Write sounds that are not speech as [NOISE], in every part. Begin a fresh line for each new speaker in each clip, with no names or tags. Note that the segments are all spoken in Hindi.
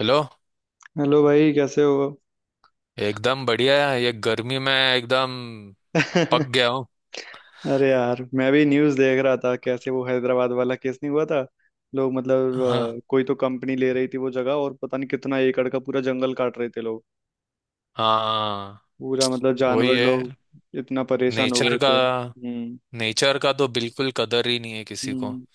हेलो।
हेलो भाई कैसे हो।
एकदम बढ़िया है। ये गर्मी में एकदम पक गया
[LAUGHS]
हूँ।
अरे यार मैं भी न्यूज़ देख रहा था कैसे वो हैदराबाद वाला केस नहीं हुआ था। लोग मतलब
हाँ
कोई तो कंपनी ले रही थी वो जगह। और पता नहीं कितना एकड़ का पूरा जंगल काट रहे थे लोग।
हाँ,
पूरा मतलब
वही
जानवर लोग
है।
इतना परेशान हो
नेचर
गए
का,
थे। हम्म।
तो बिल्कुल कदर ही नहीं है किसी को।
हम्म।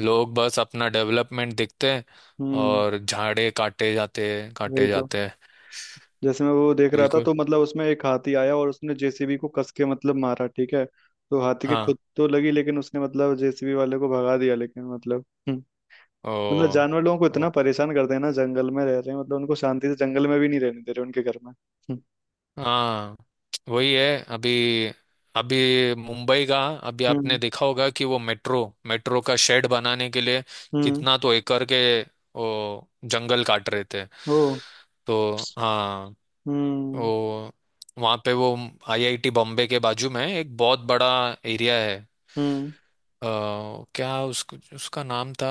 लोग बस अपना डेवलपमेंट देखते हैं
हम्म।
और झाड़े
वही
काटे
तो।
जाते हैं।
जैसे मैं वो देख रहा था
बिल्कुल।
तो मतलब उसमें एक हाथी आया और उसने जेसीबी को कस के मतलब मारा ठीक है। तो हाथी के
हाँ।
खुद तो लगी लेकिन उसने मतलब जेसीबी वाले को भगा दिया लेकिन मतलब। हम्म, मतलब
ओ,
जानवर लोगों को
ओ।
इतना परेशान करते हैं ना जंगल में रह रहे हैं। मतलब उनको शांति से जंगल में भी नहीं रहने दे रहे उनके घर में।
हाँ, वही है अभी। अभी मुंबई का। अभी आपने
हम्म।
देखा होगा कि वो मेट्रो, मेट्रो का शेड बनाने के लिए
हम्म।
कितना तो एकड़ के वो जंगल काट रहे थे।
ओ।
तो हाँ।
हम्म।
वो वहाँ पे वो आईआईटी बॉम्बे के बाजू में एक बहुत बड़ा एरिया है।
हम्म।
अ, क्या उसको उसका नाम था,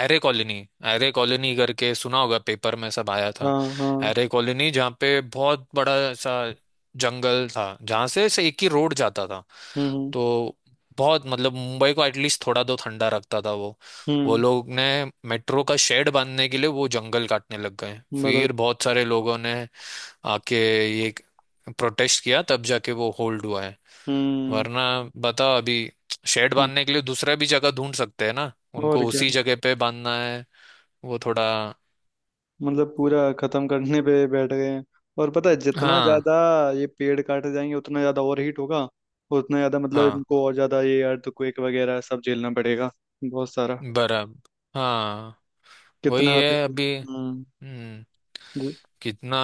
एरे कॉलोनी। एरे कॉलोनी करके सुना होगा, पेपर में सब आया
हाँ
था।
हाँ।
एरे कॉलोनी जहाँ पे बहुत बड़ा सा जंगल था, जहाँ से एक ही रोड जाता था।
हम्म।
तो बहुत मतलब मुंबई को एटलीस्ट थोड़ा तो ठंडा रखता था वो। वो
हम्म।
लोग ने मेट्रो का शेड बांधने के लिए वो जंगल काटने लग गए।
मतलब।
फिर बहुत सारे लोगों ने आके ये प्रोटेस्ट किया, तब जाके वो होल्ड हुआ है।
हम्म।
वरना बता, अभी शेड
हम्म,
बांधने के लिए दूसरा भी जगह ढूंढ सकते हैं ना,
और
उनको
क्या।
उसी जगह पे बांधना है। वो थोड़ा।
मतलब पूरा खत्म करने पे बैठ गए हैं। और पता है जितना
हाँ
ज्यादा ये पेड़ काटे जाएंगे उतना ज्यादा और हीट होगा। उतना ज्यादा मतलब
हाँ।
इनको और ज्यादा ये अर्थक्वेक वगैरह सब झेलना पड़ेगा। बहुत सारा।
बराबर। हाँ,
कितना
वही
आते-।
है अभी।
हम्म।
हम्म।
जी-।
कितना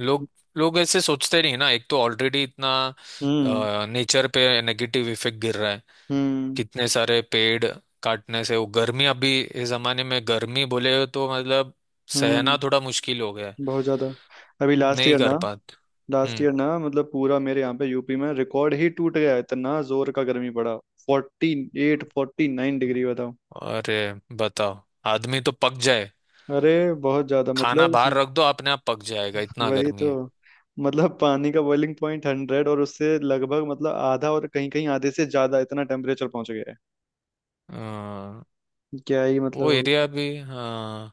लोग, ऐसे सोचते नहीं ना। एक तो ऑलरेडी इतना
हम्म।
नेचर पे नेगेटिव इफेक्ट गिर रहा है,
हम्म।
कितने सारे पेड़ काटने से। वो गर्मी अभी इस जमाने में गर्मी बोले तो मतलब सहना
हम्म।
थोड़ा मुश्किल हो गया है,
बहुत ज्यादा। अभी लास्ट
नहीं
ईयर
कर
ना।
पाते।
लास्ट
हम्म।
ईयर ना मतलब पूरा मेरे यहाँ पे यूपी में रिकॉर्ड ही टूट गया इतना जोर का गर्मी पड़ा। 48-49 डिग्री बताओ।
अरे बताओ, आदमी तो पक जाए।
अरे बहुत ज्यादा
खाना
मतलब
बाहर रख दो अपने आप पक जाएगा, इतना
वही
गर्मी
तो।
है।
मतलब पानी का बॉइलिंग पॉइंट 100 और उससे लगभग मतलब आधा और कहीं कहीं आधे से ज्यादा इतना टेम्परेचर पहुंच गया है।
अ,
क्या ही मतलब
वो एरिया
हो-।
भी हाँ।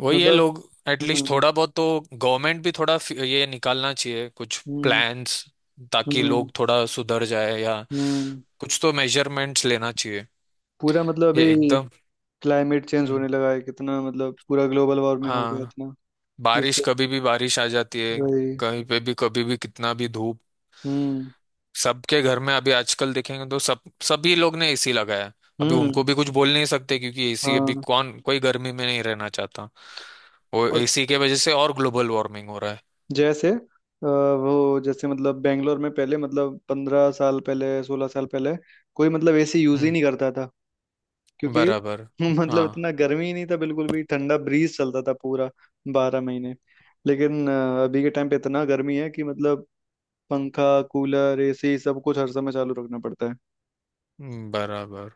वही है
मतलब।
लोग। एटलीस्ट
हम्म।
थोड़ा बहुत तो गवर्नमेंट भी थोड़ा ये निकालना चाहिए कुछ
हम्म।
प्लान्स, ताकि
हम्म।
लोग थोड़ा सुधर जाए। या
हम्म।
कुछ तो मेजरमेंट्स लेना चाहिए,
पूरा मतलब
ये
अभी
एकदम।
क्लाइमेट चेंज
हम्म,
होने लगा है कितना मतलब पूरा ग्लोबल वार्मिंग हो गया
हाँ।
इतना।
बारिश,
जिससे
कभी भी बारिश आ जाती है।
वही।
कहीं पे भी कभी भी कितना भी धूप।
हम्म।
सबके घर में अभी आजकल देखेंगे तो सब सभी लोग ने एसी लगाया है। अभी उनको
हम्म।
भी कुछ बोल नहीं सकते, क्योंकि एसी अभी
हाँ।
कौन, कोई गर्मी में नहीं रहना चाहता। वो
और
एसी के वजह से और ग्लोबल वार्मिंग हो रहा है।
जैसे वो जैसे मतलब बेंगलोर में पहले मतलब 15 साल पहले 16 साल पहले कोई मतलब एसी यूज ही
हम्म।
नहीं करता था क्योंकि
बराबर।
[LAUGHS] मतलब
हाँ
इतना गर्मी ही नहीं था बिल्कुल भी ठंडा ब्रीज चलता था पूरा 12 महीने। लेकिन अभी के टाइम पे इतना गर्मी है कि मतलब पंखा कूलर एसी सब कुछ हर समय चालू रखना पड़ता है।
बराबर।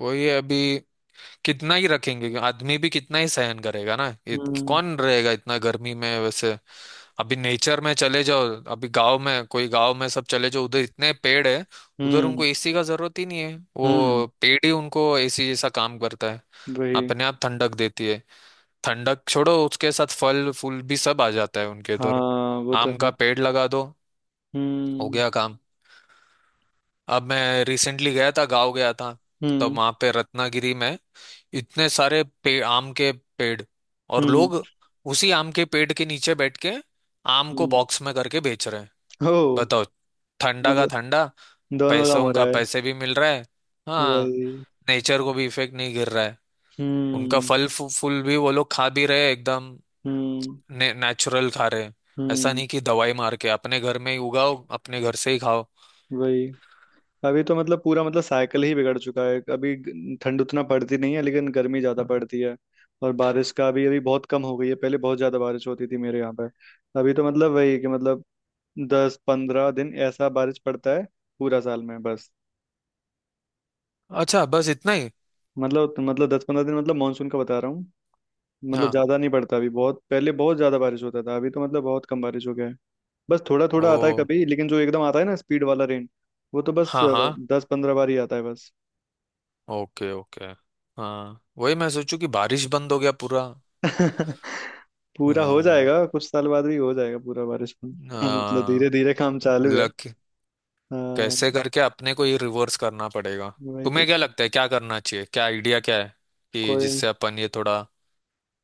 वही है, अभी कितना ही रखेंगे, आदमी भी कितना ही सहन करेगा ना ये।
हम्म।
कौन रहेगा इतना गर्मी में वैसे। अभी नेचर में चले जाओ, अभी गांव में कोई, गांव में सब चले जाओ उधर, इतने पेड़ है उधर,
हम्म।
उनको एसी का जरूरत ही नहीं है।
हम्म।
वो पेड़ ही उनको एसी जैसा काम करता है,
वही।
अपने आप ठंडक देती है। ठंडक छोड़ो, उसके साथ फल फूल भी सब आ जाता है उनके
हाँ
इधर।
वो तो
आम
है।
का पेड़ लगा दो, हो
हम्म।
गया काम। अब मैं रिसेंटली गया था, गांव गया था। तब
हम्म।
वहां पे रत्नागिरी में इतने सारे आम के पेड़। और
हम्म।
लोग उसी आम के पेड़ के नीचे बैठ के आम को
हम्म।
बॉक्स में करके बेच रहे हैं।
ओ।
बताओ, ठंडा का
मतलब
ठंडा।
दोनों काम हो
पैसों का
रहा है।
पैसे भी मिल रहा है। हाँ।
वही।
नेचर को भी इफेक्ट नहीं गिर रहा है। उनका
हम्म।
फल फूल भी वो लोग खा भी रहे हैं, एकदम
हम्म।
नेचुरल खा रहे हैं। ऐसा
हम्म।
नहीं कि दवाई मार के, अपने घर में ही उगाओ अपने घर से ही खाओ।
वही। अभी तो मतलब पूरा मतलब साइकिल ही बिगड़ चुका है अभी ग- ठंड उतना पड़ती नहीं है लेकिन गर्मी ज्यादा पड़ती है। और बारिश का भी अभी बहुत कम हो गई है। पहले बहुत ज्यादा बारिश होती थी मेरे यहाँ पे। अभी तो मतलब वही कि मतलब 10-15 दिन ऐसा बारिश पड़ता है पूरा साल में बस।
अच्छा, बस इतना ही।
मतलब 10-15 दिन मतलब मानसून का बता रहा हूँ। मतलब
हाँ।
ज्यादा नहीं पड़ता अभी। बहुत पहले बहुत ज्यादा बारिश होता था अभी तो मतलब बहुत कम बारिश हो गया है। बस थोड़ा थोड़ा आता है
ओ।
कभी। लेकिन जो एकदम आता है ना स्पीड वाला रेन वो तो बस
हाँ हाँ।
10-15 बार ही आता है बस।
Okay okay. हाँ, वही मैं सोचू कि बारिश बंद हो गया पूरा।
[LAUGHS] पूरा हो
हाँ,
जाएगा कुछ साल बाद भी हो जाएगा पूरा बारिश में। [LAUGHS] मतलब धीरे
हाँ,
धीरे काम चालू है।
लक।
हाँ
कैसे करके अपने को ये रिवर्स करना पड़ेगा।
वही तो।
तुम्हें क्या लगता है, क्या करना चाहिए, क्या आइडिया क्या है कि
कोई
जिससे अपन ये थोड़ा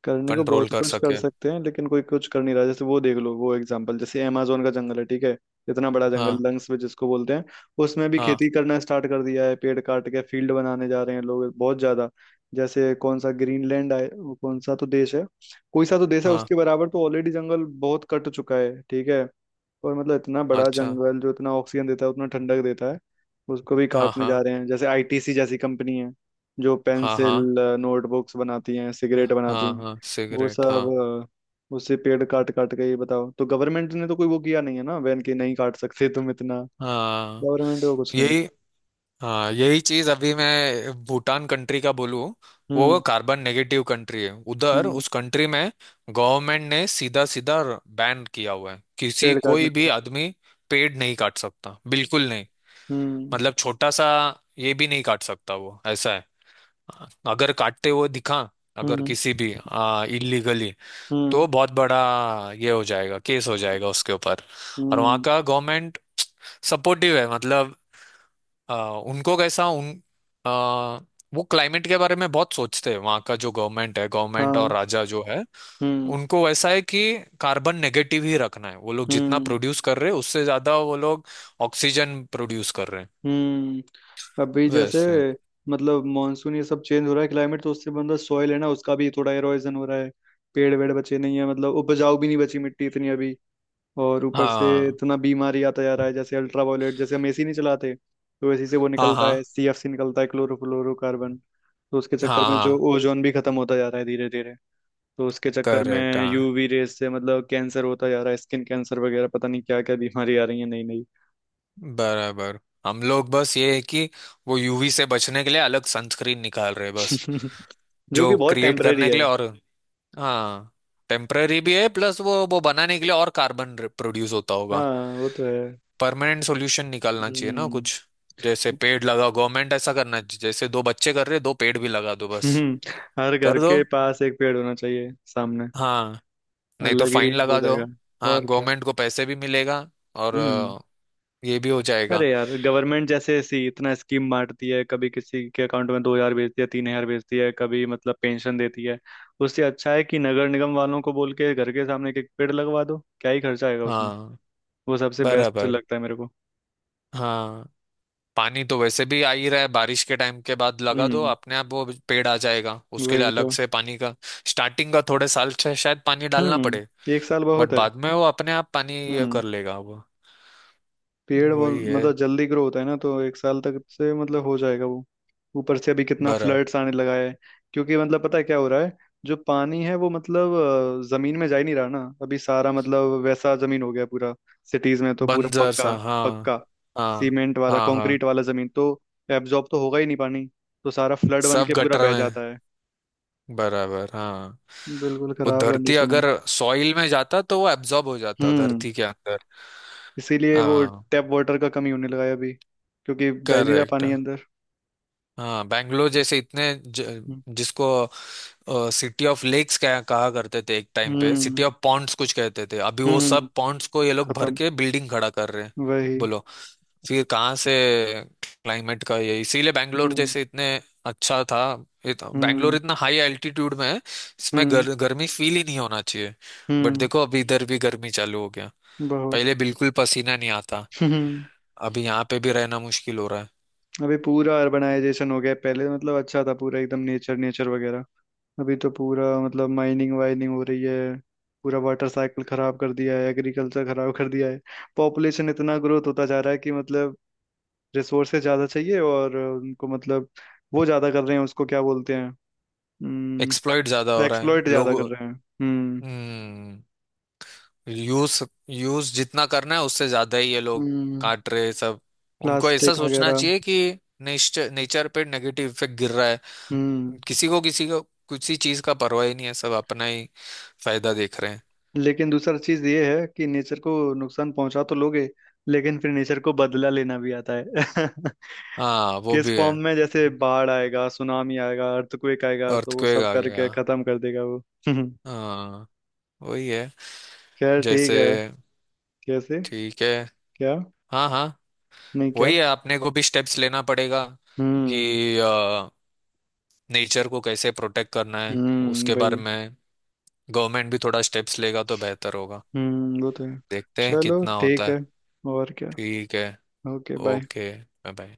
करने को
कंट्रोल
बहुत
कर
कुछ कर
सके।
सकते हैं लेकिन कोई कुछ कर नहीं रहा। जैसे वो देख लो वो एग्जांपल जैसे अमेजोन का जंगल है ठीक है। इतना बड़ा जंगल
हाँ।
लंग्स में जिसको बोलते हैं उसमें भी
हाँ।
खेती करना स्टार्ट कर दिया है। पेड़ काट के फील्ड बनाने जा रहे हैं लोग बहुत ज्यादा। जैसे कौन सा ग्रीनलैंड है वो कौन सा तो देश है। कोई सा तो देश है
हाँ।
उसके बराबर तो ऑलरेडी जंगल बहुत कट चुका है ठीक है। और मतलब इतना बड़ा
अच्छा।
जंगल जो इतना ऑक्सीजन देता है उतना ठंडक देता है उसको भी
हाँ
काटने
हाँ।
जा रहे हैं। जैसे आईटीसी जैसी कंपनी है जो
हाँ हाँ।
पेंसिल नोटबुक्स बनाती हैं सिगरेट बनाती
हाँ
हैं
हाँ
वो
सिगरेट हाँ।
सब उससे पेड़ काट काट के ये बताओ तो गवर्नमेंट ने तो कोई वो किया नहीं है ना बैन कि नहीं काट सकते तुम इतना।
हाँ
गवर्नमेंट को कुछ नहीं है।
यही। हाँ, यही चीज। अभी मैं भूटान कंट्री का बोलूँ। वो
हम्म।
कार्बन नेगेटिव कंट्री है। उधर
हम्म।
उस कंट्री में गवर्नमेंट ने सीधा सीधा बैन किया हुआ है। किसी,
पेड़ काटने
कोई भी
को।
आदमी पेड़ नहीं काट सकता, बिल्कुल नहीं।
हम्म।
मतलब छोटा सा ये भी नहीं काट सकता, वो ऐसा है। अगर काटते हुए दिखा, अगर
हम्म।
किसी भी इलीगली,
हम्म।
तो बहुत बड़ा ये हो जाएगा, केस हो
हम्म।
जाएगा उसके ऊपर। और वहाँ
हम्म,
का गवर्नमेंट सपोर्टिव है मतलब, आ, उनको कैसा उन आ, वो क्लाइमेट के बारे में बहुत सोचते हैं। वहाँ का जो गवर्नमेंट है, गवर्नमेंट और
हाँ।
राजा जो है,
हम्म।
उनको वैसा है कि कार्बन नेगेटिव ही रखना है। वो लोग जितना
हम्म।
प्रोड्यूस कर रहे हैं उससे ज्यादा वो लोग ऑक्सीजन प्रोड्यूस कर रहे हैं।
हम्म। अभी जैसे
वैसे।
मतलब मानसून ये सब चेंज हो रहा है क्लाइमेट तो उससे मतलब सॉइल है ना उसका भी थोड़ा एरोजन हो रहा है। पेड़ वेड़ बचे नहीं है मतलब उपजाऊ भी नहीं बची मिट्टी इतनी अभी। और ऊपर से
हाँ।
इतना बीमारी आता जा रहा है जैसे अल्ट्रा वायलेट। जैसे हम एसी नहीं चलाते तो एसी से वो
हाँ।
निकलता
हाँ।
है सीएफसी निकलता है क्लोरोफ्लोरोकार्बन। तो उसके चक्कर
हाँ।
में जो
हाँ।
ओजोन भी खत्म होता जा रहा है धीरे धीरे। तो उसके चक्कर
करेक्ट
में
हाँ।
यूवी रेस से मतलब कैंसर होता जा रहा है स्किन कैंसर वगैरह पता नहीं क्या क्या बीमारी आ रही है नई नई।
बराबर। हम लोग बस ये है कि वो यूवी से बचने के लिए अलग सनस्क्रीन निकाल रहे हैं बस,
[LAUGHS] जो कि
जो
बहुत
क्रिएट
टेम्परेरी
करने के
है।
लिए और। हाँ, टेम्पररी भी है, प्लस वो बनाने के लिए और कार्बन प्रोड्यूस होता होगा।
हाँ वो तो है।
परमानेंट सॉल्यूशन निकालना चाहिए ना कुछ।
हम्म।
जैसे
[LAUGHS]
पेड़ लगाओ, गवर्नमेंट ऐसा करना चाहिए जैसे दो बच्चे कर रहे हैं, दो पेड़ भी लगा दो बस।
हम्म, हर घर
कर दो।
के पास एक पेड़ होना चाहिए सामने।
हाँ। नहीं तो
अलग ही
फाइन
हो
लगा दो।
जाएगा।
हाँ,
और क्या।
गवर्नमेंट को पैसे भी मिलेगा। और
हम्म।
ये भी हो जाएगा।
अरे यार गवर्नमेंट जैसे ऐसी इतना स्कीम बांटती है कभी किसी के अकाउंट में 2,000 भेजती है 3,000 भेजती है कभी मतलब पेंशन देती है। उससे अच्छा है कि नगर निगम वालों को बोल के घर के सामने एक एक पेड़ लगवा दो। क्या ही खर्चा आएगा उसमें।
हाँ।
वो सबसे बेस्ट
बराबर।
लगता है मेरे को।
हाँ। पानी तो वैसे भी आ ही रहा है, बारिश के टाइम के बाद लगा दो
हम्म।
अपने आप वो पेड़ आ जाएगा। उसके लिए
वही तो।
अलग से पानी का स्टार्टिंग का थोड़े साल से शायद पानी डालना
हम्म।
पड़े।
एक साल
बट
बहुत है।
बाद में वो अपने आप पानी ये
हम्म।
कर लेगा वो।
पेड़ वो
वही है।
मतलब जल्दी ग्रो होता है ना तो एक साल तक से मतलब हो जाएगा वो। ऊपर से अभी कितना
बरा
फ्लड्स आने लगा है क्योंकि मतलब पता है क्या हो रहा है। जो पानी है वो मतलब जमीन में जा ही नहीं रहा ना अभी। सारा मतलब वैसा जमीन हो गया पूरा। सिटीज में तो पूरा
बंजर सा
पक्का।
हाँ।
पक्का
हाँ
सीमेंट वाला
हाँ। हाँ,
कंक्रीट वाला जमीन तो एब्जॉर्ब तो होगा ही नहीं पानी। तो सारा फ्लड बन
सब
के पूरा
गटर
बह
में।
जाता है।
बराबर हाँ।
बिल्कुल
वो
खराब
धरती,
कंडीशन है।
अगर सॉइल में जाता तो वो एब्जॉर्ब हो जाता
हम्म।
धरती के अंदर।
इसीलिए वो
हाँ।
टैप वाटर का कमी होने लगा है अभी क्योंकि जा ही नहीं रहा
करेक्ट।
पानी अंदर।
हाँ बैंगलोर जैसे इतने जिसको सिटी ऑफ लेक्स कहा कहा करते थे एक टाइम पे,
हम्म।
सिटी ऑफ पॉन्ड्स कुछ कहते थे, अभी वो
हम्म।
सब पॉन्ड्स को ये लोग भर
खत्म।
के बिल्डिंग खड़ा कर रहे हैं।
वही।
बोलो, फिर कहाँ से क्लाइमेट का ये। इसीलिए बैंगलोर
हम्म।
जैसे इतने अच्छा था। बैंगलोर
हम्म।
इतना हाई एल्टीट्यूड में है, इसमें
हम्म।
गर्मी फील ही नहीं होना चाहिए। बट
हम्म।
देखो अभी इधर भी गर्मी चालू हो गया।
बहुत।
पहले बिल्कुल पसीना नहीं आता।
हम्म।
अभी यहाँ पे भी रहना मुश्किल हो रहा है।
अभी पूरा अर्बनाइजेशन हो गया है। पहले मतलब अच्छा था पूरा एकदम नेचर नेचर वगैरह। अभी तो पूरा मतलब माइनिंग वाइनिंग हो रही है। पूरा वाटर साइकिल खराब कर दिया है एग्रीकल्चर खराब कर दिया है। पॉपुलेशन इतना ग्रोथ होता जा रहा है कि मतलब रिसोर्सेज ज्यादा चाहिए और उनको मतलब वो ज्यादा कर रहे हैं उसको क्या बोलते हैं। हम्म।
एक्सप्लॉइट ज्यादा हो रहा है
एक्सप्लॉइट ज्यादा
लोग।
कर रहे हैं। हम्म।
हम्म। यूज, यूज जितना करना है उससे ज्यादा ही ये लोग
हम्म।
काट रहे हैं सब। उनको ऐसा
प्लास्टिक
सोचना
वगैरह।
चाहिए कि नेचर पे नेगेटिव इफेक्ट गिर रहा है।
हम्म।
किसी को, किसी चीज का परवाह ही नहीं है, सब अपना ही फायदा देख रहे हैं।
लेकिन दूसरा चीज ये है कि नेचर को नुकसान पहुंचा तो लोगे लेकिन फिर नेचर को बदला लेना भी आता है। [LAUGHS]
हाँ वो
किस
भी है।
फॉर्म में जैसे बाढ़ आएगा सुनामी आएगा अर्थक्वेक आएगा तो वो
अर्थक्वेक
सब
आ गया।
करके खत्म कर देगा वो। [LAUGHS]
हाँ, वही है।
खैर
जैसे।
ठीक है। कैसे।
ठीक है।
क्या।
हाँ हाँ।
नहीं क्या।
वही है, अपने को भी स्टेप्स लेना पड़ेगा
हम्म।
कि नेचर को कैसे प्रोटेक्ट करना है
हम्म।
उसके बारे
वही।
में। गवर्नमेंट भी थोड़ा स्टेप्स लेगा तो बेहतर होगा।
हम्म। वो तो है।
देखते हैं
चलो
कितना होता
ठीक
है।
है। और क्या।
ठीक है।
Okay bye.
Okay bye. Bye